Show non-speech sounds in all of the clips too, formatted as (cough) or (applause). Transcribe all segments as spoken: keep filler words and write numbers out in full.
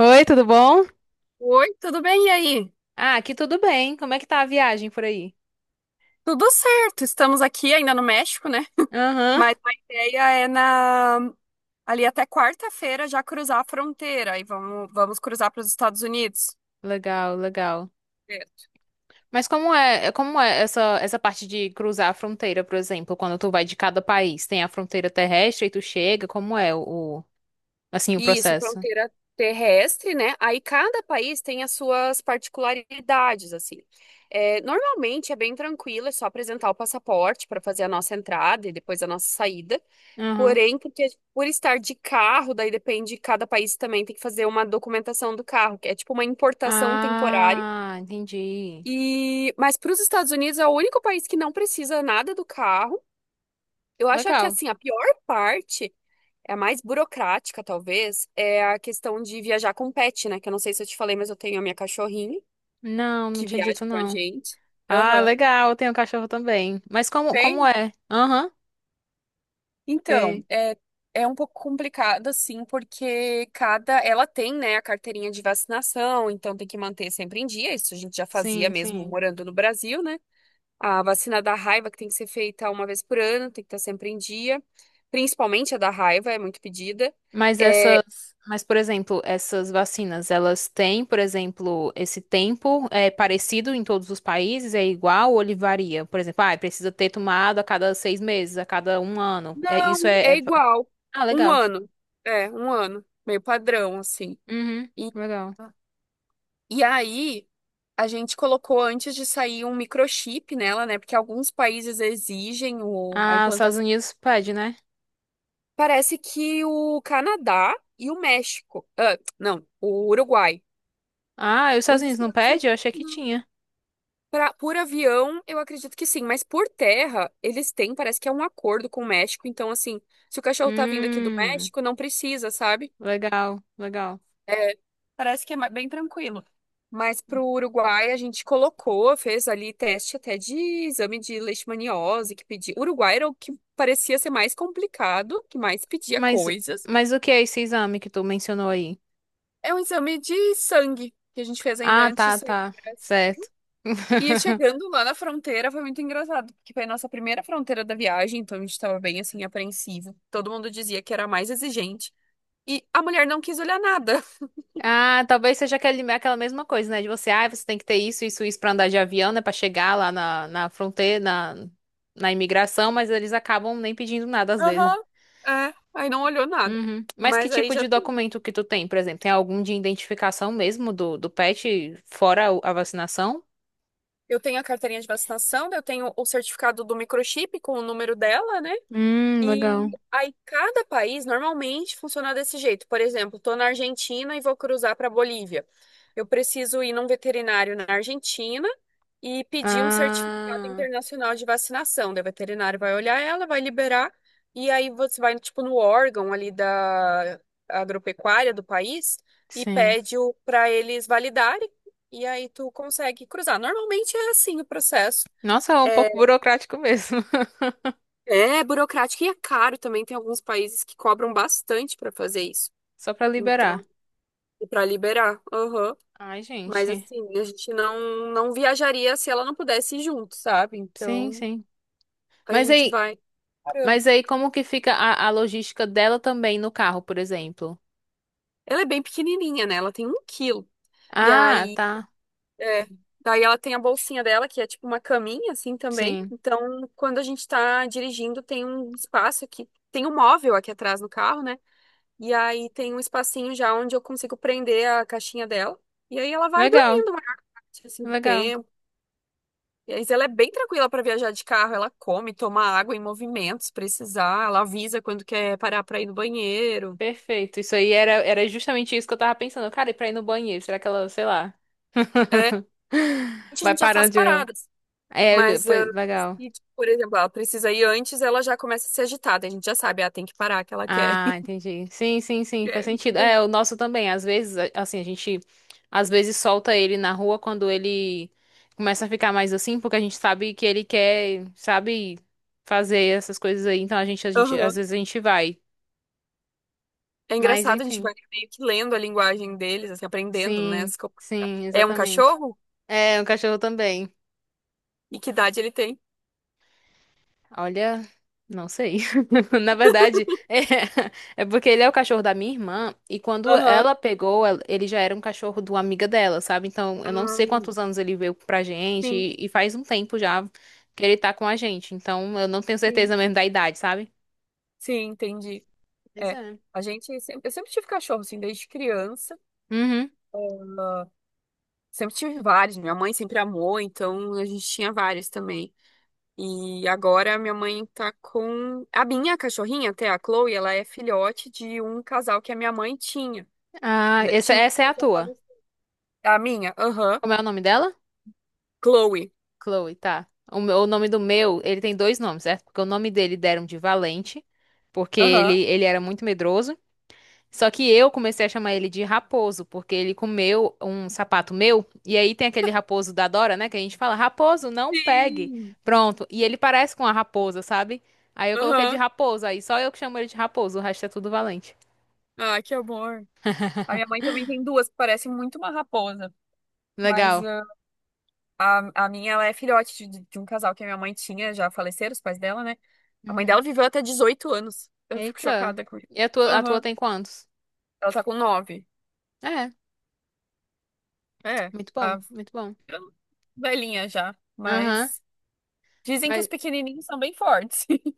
Oi, tudo bom? Oi, tudo bem? E aí? Ah, aqui tudo bem. Como é que tá a viagem por aí? Tudo certo, estamos aqui ainda no México, né? Aham. Mas a ideia é na ali até quarta-feira já cruzar a fronteira e vamos, vamos cruzar para os Estados Unidos. Legal, legal. Certo. Mas como é, é, como é essa, essa parte de cruzar a fronteira, por exemplo, quando tu vai de cada país? Tem a fronteira terrestre e tu chega, como é o, o- assim, o Isso, a processo? fronteira terrestre, né? Aí cada país tem as suas particularidades, assim. É, normalmente é bem tranquilo, é só apresentar o passaporte para fazer a nossa entrada e depois a nossa saída. Aham. Porém, porque por estar de carro, daí depende, cada país também tem que fazer uma documentação do carro, que é tipo uma importação temporária. Ah, entendi. E mas para os Estados Unidos é o único país que não precisa nada do carro. Eu acho que Legal. assim, a pior parte, é a mais burocrática talvez, é a questão de viajar com pet, né? Que eu não sei se eu te falei, mas eu tenho a minha cachorrinha Não, não que tinha viaja dito com a não. gente. Ah, Aham. legal, tem um cachorro também. Mas como, como Tem? é? Aham. Tem. Então, é, é um pouco complicado, assim, porque cada. Ela tem, né, a carteirinha de vacinação, então tem que manter sempre em dia. Isso a gente já fazia Sim, mesmo sim. morando no Brasil, né? A vacina da raiva, que tem que ser feita uma vez por ano, tem que estar sempre em dia. Principalmente a da raiva, é muito pedida. Mas É, essas, mas por exemplo, essas vacinas, elas têm, por exemplo, esse tempo é parecido em todos os países, é igual ou ele varia? Por exemplo, ah, precisa ter tomado a cada seis meses, a cada um ano. É, não, isso é, é é- igual. Ah, Um legal. ano. É, um ano. Meio padrão, assim. Uhum, E. legal. E aí, a gente colocou antes de sair um microchip nela, né? Porque alguns países exigem o, a Ah, os Estados implantação. Unidos pede, né? Parece que o Canadá e o México. Ah, não, o Uruguai. Ah, e os Estados Os Unidos não Estados pede? Unidos, Eu achei que não. tinha. Pra, por avião, eu acredito que sim, mas por terra, eles têm, parece que é um acordo com o México. Então, assim, se o cachorro tá vindo aqui do Hum, México, não precisa, sabe? Legal, legal. É, parece que é ma- bem tranquilo. Mas para o Uruguai a gente colocou, fez ali teste até de exame de leishmaniose que pedia. Uruguai era o que parecia ser mais complicado, que mais pedia Mas, coisas. mas o que é esse exame que tu mencionou aí? É um exame de sangue que a gente fez ainda Ah, antes de tá, sair. tá, certo. E (laughs) chegando lá na fronteira foi muito engraçado, porque foi a nossa primeira fronteira da viagem, então a gente estava bem assim apreensivo. Todo mundo dizia que era a mais exigente. E a mulher não quis olhar nada. Ah, talvez seja aquele, aquela mesma coisa, né? De você, ah, você tem que ter isso, isso, isso pra andar de avião, né? Pra chegar lá na, na fronteira, na, na imigração, mas eles acabam nem pedindo nada às vezes. Aham. É, aí não olhou nada. Uhum. Mas que Mas aí tipo já de documento que tu tem, por exemplo? Tem algum de identificação mesmo do, do pet, fora o- a vacinação? eu tenho a carteirinha de vacinação, eu tenho o certificado do microchip com o número dela, né? Hum, E Legal. aí, cada país normalmente funciona desse jeito. Por exemplo, estou na Argentina e vou cruzar para a Bolívia. Eu preciso ir num veterinário na Argentina e pedir um certificado Ah, internacional de vacinação. Daí o veterinário vai olhar ela, vai liberar, e aí você vai, tipo, no órgão ali da agropecuária do país e sim. pede o para eles validarem, e aí tu consegue cruzar. Normalmente é assim o processo. Nossa, é um pouco É, burocrático mesmo. (laughs) é burocrático e é caro também. Tem alguns países que cobram bastante para fazer isso. Só pra liberar. Então, para liberar. Aham. Ai, Mas gente. assim, a gente não não viajaria se ela não pudesse ir junto, sabe? Sim, Então, sim. a Mas gente aí, vai parando. Mas aí como que fica a, a logística dela também no carro, por exemplo? Ela é bem pequenininha, né? Ela tem um quilo. E Ah, aí, tá. é, daí ela tem a bolsinha dela, que é tipo uma caminha, assim, também. Sim. Então, quando a gente tá dirigindo, tem um espaço aqui. Tem um móvel aqui atrás no carro, né? E aí tem um espacinho já onde eu consigo prender a caixinha dela. E aí ela vai Legal, dormindo a maior parte assim, do legal. tempo. E aí ela é bem tranquila para viajar de carro. Ela come, toma água em movimento, se precisar. Ela avisa quando quer parar para ir no banheiro. Perfeito. Isso aí era, era justamente isso que eu tava pensando. Cara, e pra ir no banheiro? Será que ela, sei lá, É, a vai gente já faz parando de. paradas. É, Mas eh, pois, legal. se, tipo, por exemplo, ela precisa ir antes, ela já começa a se agitar. Daí a gente já sabe, ah, tem que parar que ela quer. Ah, entendi. Sim, sim, (laughs) sim, faz quer ir no sentido. É, banheiro. o nosso também. Às vezes, a- assim, a gente às vezes solta ele na rua quando ele começa a ficar mais assim, porque a gente sabe que ele quer, sabe, fazer essas coisas aí. Então a gente, a gente, às Aham. vezes a gente vai. É Mas engraçado, a gente enfim, vai meio que lendo a linguagem deles, assim, aprendendo, né? sim, as co- sim, É um exatamente. cachorro? É, um cachorro também. E que idade ele tem? Olha, não sei. (laughs) Na verdade, é, é porque ele é o cachorro da minha irmã e quando Aham. ela pegou, ela- ele já era um cachorro de uma amiga dela, sabe? Então, eu não sei quantos Ah, anos ele veio pra gente sim, e, e faz um tempo já que ele tá com a gente. Então, eu não tenho sim. certeza mesmo da idade, sabe? Sim, entendi. Pois É, é. a gente sempre, eu sempre tive cachorro, assim, desde criança. Uhum. Ah, sempre tive vários. Minha mãe sempre amou, então a gente tinha vários também. E agora minha mãe tá com a minha cachorrinha, até a Chloe, ela é filhote de um casal que a minha mãe tinha. Ah, Já essa, tinha, essa é porque a já tua. faleceu. A minha, aham, Como é o nome dela? Chloe. Chloe, tá. O, meu- o nome do meu, ele tem dois nomes, certo? Porque o nome dele deram de Valente, porque Aham. ele, ele era muito medroso. Só que eu comecei a chamar ele de Raposo, porque ele comeu um sapato meu, e aí tem aquele raposo da Dora, né? Que a gente fala, Raposo, não pegue. Sim. Pronto. E ele parece com a raposa, sabe? Aí eu coloquei de Aham. Raposo, aí só eu que chamo ele de Raposo, o resto é tudo Valente. Ah, que amor. A (laughs) minha mãe também tem duas que parecem muito uma raposa, mas Legal. ah, A, a minha, ela é filhote de, de um casal que a minha mãe tinha, já faleceram os pais dela, né? A mãe Uhum. dela viveu até dezoito anos. Eu fico Eita. chocada com isso. E a tua, a tua Aham. tem quantos? Ela tá com nove. É, É, muito bom, tá muito bom. velhinha já. Aham. Mas dizem que os Mas pequenininhos são bem fortes. (laughs)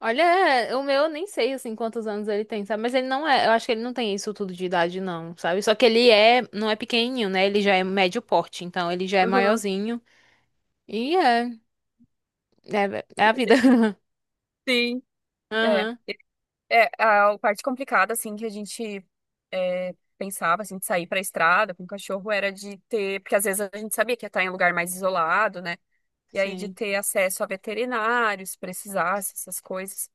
olha, é, o meu eu nem sei assim quantos anos ele tem, sabe? Mas ele não é, eu acho que ele não tem isso tudo de idade não, sabe? Só que ele é, não é pequenininho, né? Ele já é médio porte, então ele já é Aham. maiorzinho. E é, é, é a vida. (laughs) Sim. É, Aham, é a parte complicada, assim, que a gente é, pensava, assim, de sair pra estrada com o cachorro era de ter... Porque às vezes a gente sabia que ia estar em um lugar mais isolado, né? E aí de sim. ter acesso a veterinários, se precisasse, essas coisas.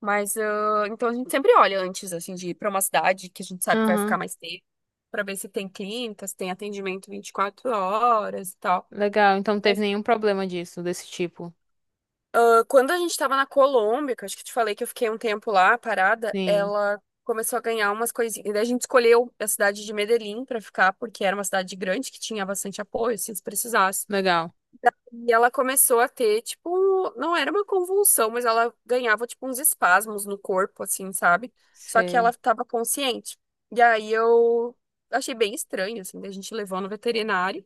Mas, ah, então a gente sempre olha antes, assim, de ir para uma cidade que a gente sabe que vai ficar Aham, mais tempo, para ver se tem clínicas, tem atendimento vinte e quatro horas e tal. legal. Então não teve Mas, nenhum problema disso, desse tipo. ah, quando a gente estava na Colômbia, que eu acho que eu te falei que eu fiquei um tempo lá, parada, Sim, ela começou a ganhar umas coisinhas. E daí a gente escolheu a cidade de Medellín para ficar, porque era uma cidade grande que tinha bastante apoio, assim, se precisasse. legal. E ela começou a ter, tipo, não era uma convulsão, mas ela ganhava, tipo, uns espasmos no corpo, assim, sabe? Só que ela Sei. tava consciente. E aí eu achei bem estranho, assim, daí a gente levou no veterinário.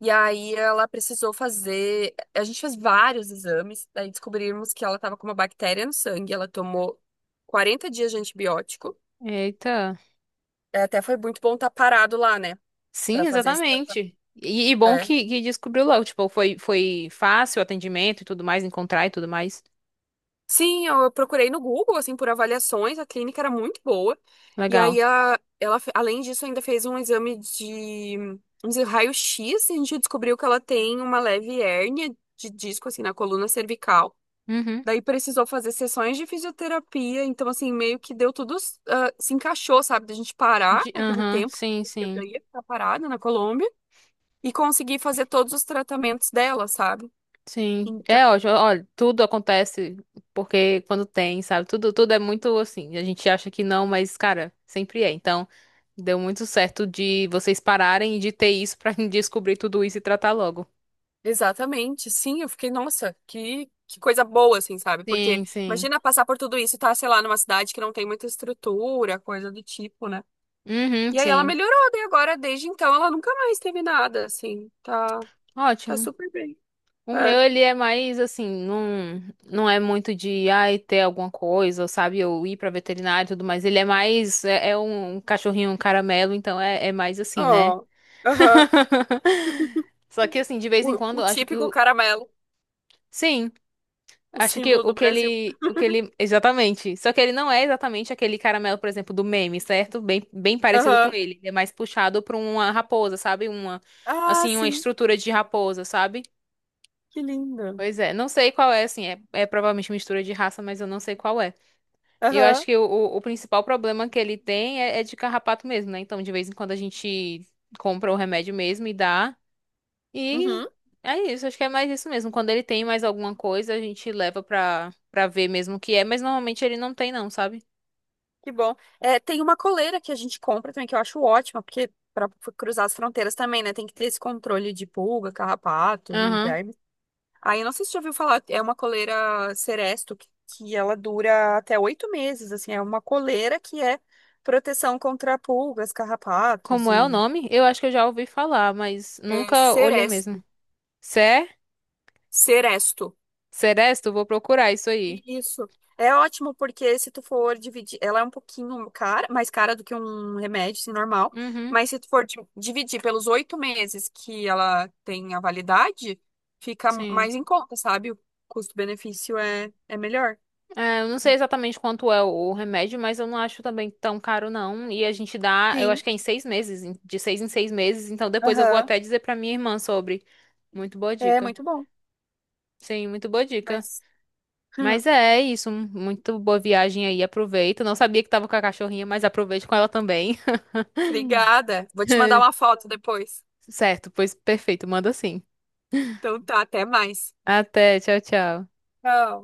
E aí ela precisou fazer. A gente fez vários exames, daí descobrimos que ela tava com uma bactéria no sangue. Ela tomou quarenta dias de antibiótico. Eita. É, até foi muito bom estar parado lá, né? Pra Sim, fazer esse. exatamente. E, e bom que, que descobriu logo, tipo, foi, foi fácil o atendimento e tudo mais, encontrar e tudo mais. Sim, eu procurei no Google, assim, por avaliações, a clínica era muito boa. E Legal. aí, a, ela, fe- além disso, ainda fez um exame de, de raio-x e a gente descobriu que ela tem uma leve hérnia de disco, assim, na coluna cervical. Uhum. Daí precisou fazer sessões de fisioterapia, então, assim, meio que deu tudo, ah, se encaixou, sabe, da gente parar De- naquele Aham, tempo. sim, Eu sim, já ia ficar parada na Colômbia e conseguir fazer todos os tratamentos dela, sabe? sim. É ótimo, olha, tudo acontece porque quando tem, sabe? Tudo, tudo é muito assim, a gente acha que não, mas, cara, sempre é. Então, deu muito certo de vocês pararem e de ter isso pra (laughs) descobrir tudo isso e tratar logo. Exatamente, sim, eu fiquei, nossa, que, que coisa boa, assim, sabe? Porque Sim, sim. imagina passar por tudo isso e tá, sei lá, numa cidade que não tem muita estrutura, coisa do tipo, né? Uhum, E aí ela sim. melhorou, daí agora, desde então, ela nunca mais teve nada, assim, tá, tá Ótimo. super bem. O É, meu, ele é mais assim, não, não é muito de, ai, ter alguma coisa, ou sabe? Ou ir pra veterinária e tudo mais. Ele é mais, é, é um cachorrinho um caramelo, então é, é mais assim, né? ó, aham, (laughs) Só que assim, de vez em O, o quando, acho que típico o... caramelo, Sim, o acho que símbolo o do que Brasil. ele, o que ele, exatamente. Só que ele não é exatamente aquele caramelo, por exemplo, do meme, certo? Bem, bem parecido com Aham, ele. Ele é mais puxado pra uma raposa, sabe? Uma, ah, assim, uma sim, estrutura de raposa, sabe? que lindo. Pois é, não sei qual é, assim, é, é provavelmente mistura de raça, mas eu não sei qual é. E eu acho Aham, que o, o o principal problema que ele tem é, é de carrapato mesmo, né? Então, de vez em quando a gente compra o remédio mesmo e dá. E uhum. é isso, acho que é mais isso mesmo. Quando ele tem mais alguma coisa, a gente leva pra, pra ver mesmo o que é, mas normalmente ele não tem, não, sabe? Que bom. É, tem uma coleira que a gente compra também, que eu acho ótima, porque para cruzar as fronteiras também, né? Tem que ter esse controle de pulga, carrapato e Aham. verme. Aí, eu não sei se você já ouviu falar, é uma coleira Seresto, que, que ela dura até oito meses, assim. É uma coleira que é proteção contra pulgas, carrapatos Como é o e... nome? Eu acho que eu já ouvi falar, mas É nunca olhei mesmo. Seresto. Cé? Seresto. Seresto? Vou procurar isso aí. Isso. É ótimo porque se tu for dividir, ela é um pouquinho cara, mais cara do que um remédio assim, normal, Uhum, mas se tu for di- dividir pelos oito meses que ela tem a validade, fica sim. mais em conta, sabe? O custo-benefício é, é melhor. É, eu não sei exatamente quanto é o, o remédio, mas eu não acho também tão caro, não. E a gente dá, eu acho Sim. que é em seis meses, em- de seis em seis meses. Então depois eu vou Aham. até dizer pra minha irmã sobre. Muito boa É dica. muito bom. Sim, muito boa dica. Mas. (laughs) Mas é é isso, um- muito boa viagem aí, aproveita. Não sabia que tava com a cachorrinha, mas aproveite com ela também. (laughs) Obrigada. Vou te mandar uma foto depois. Certo, pois perfeito, manda sim. Então tá, até mais. Até, tchau, tchau. Tchau.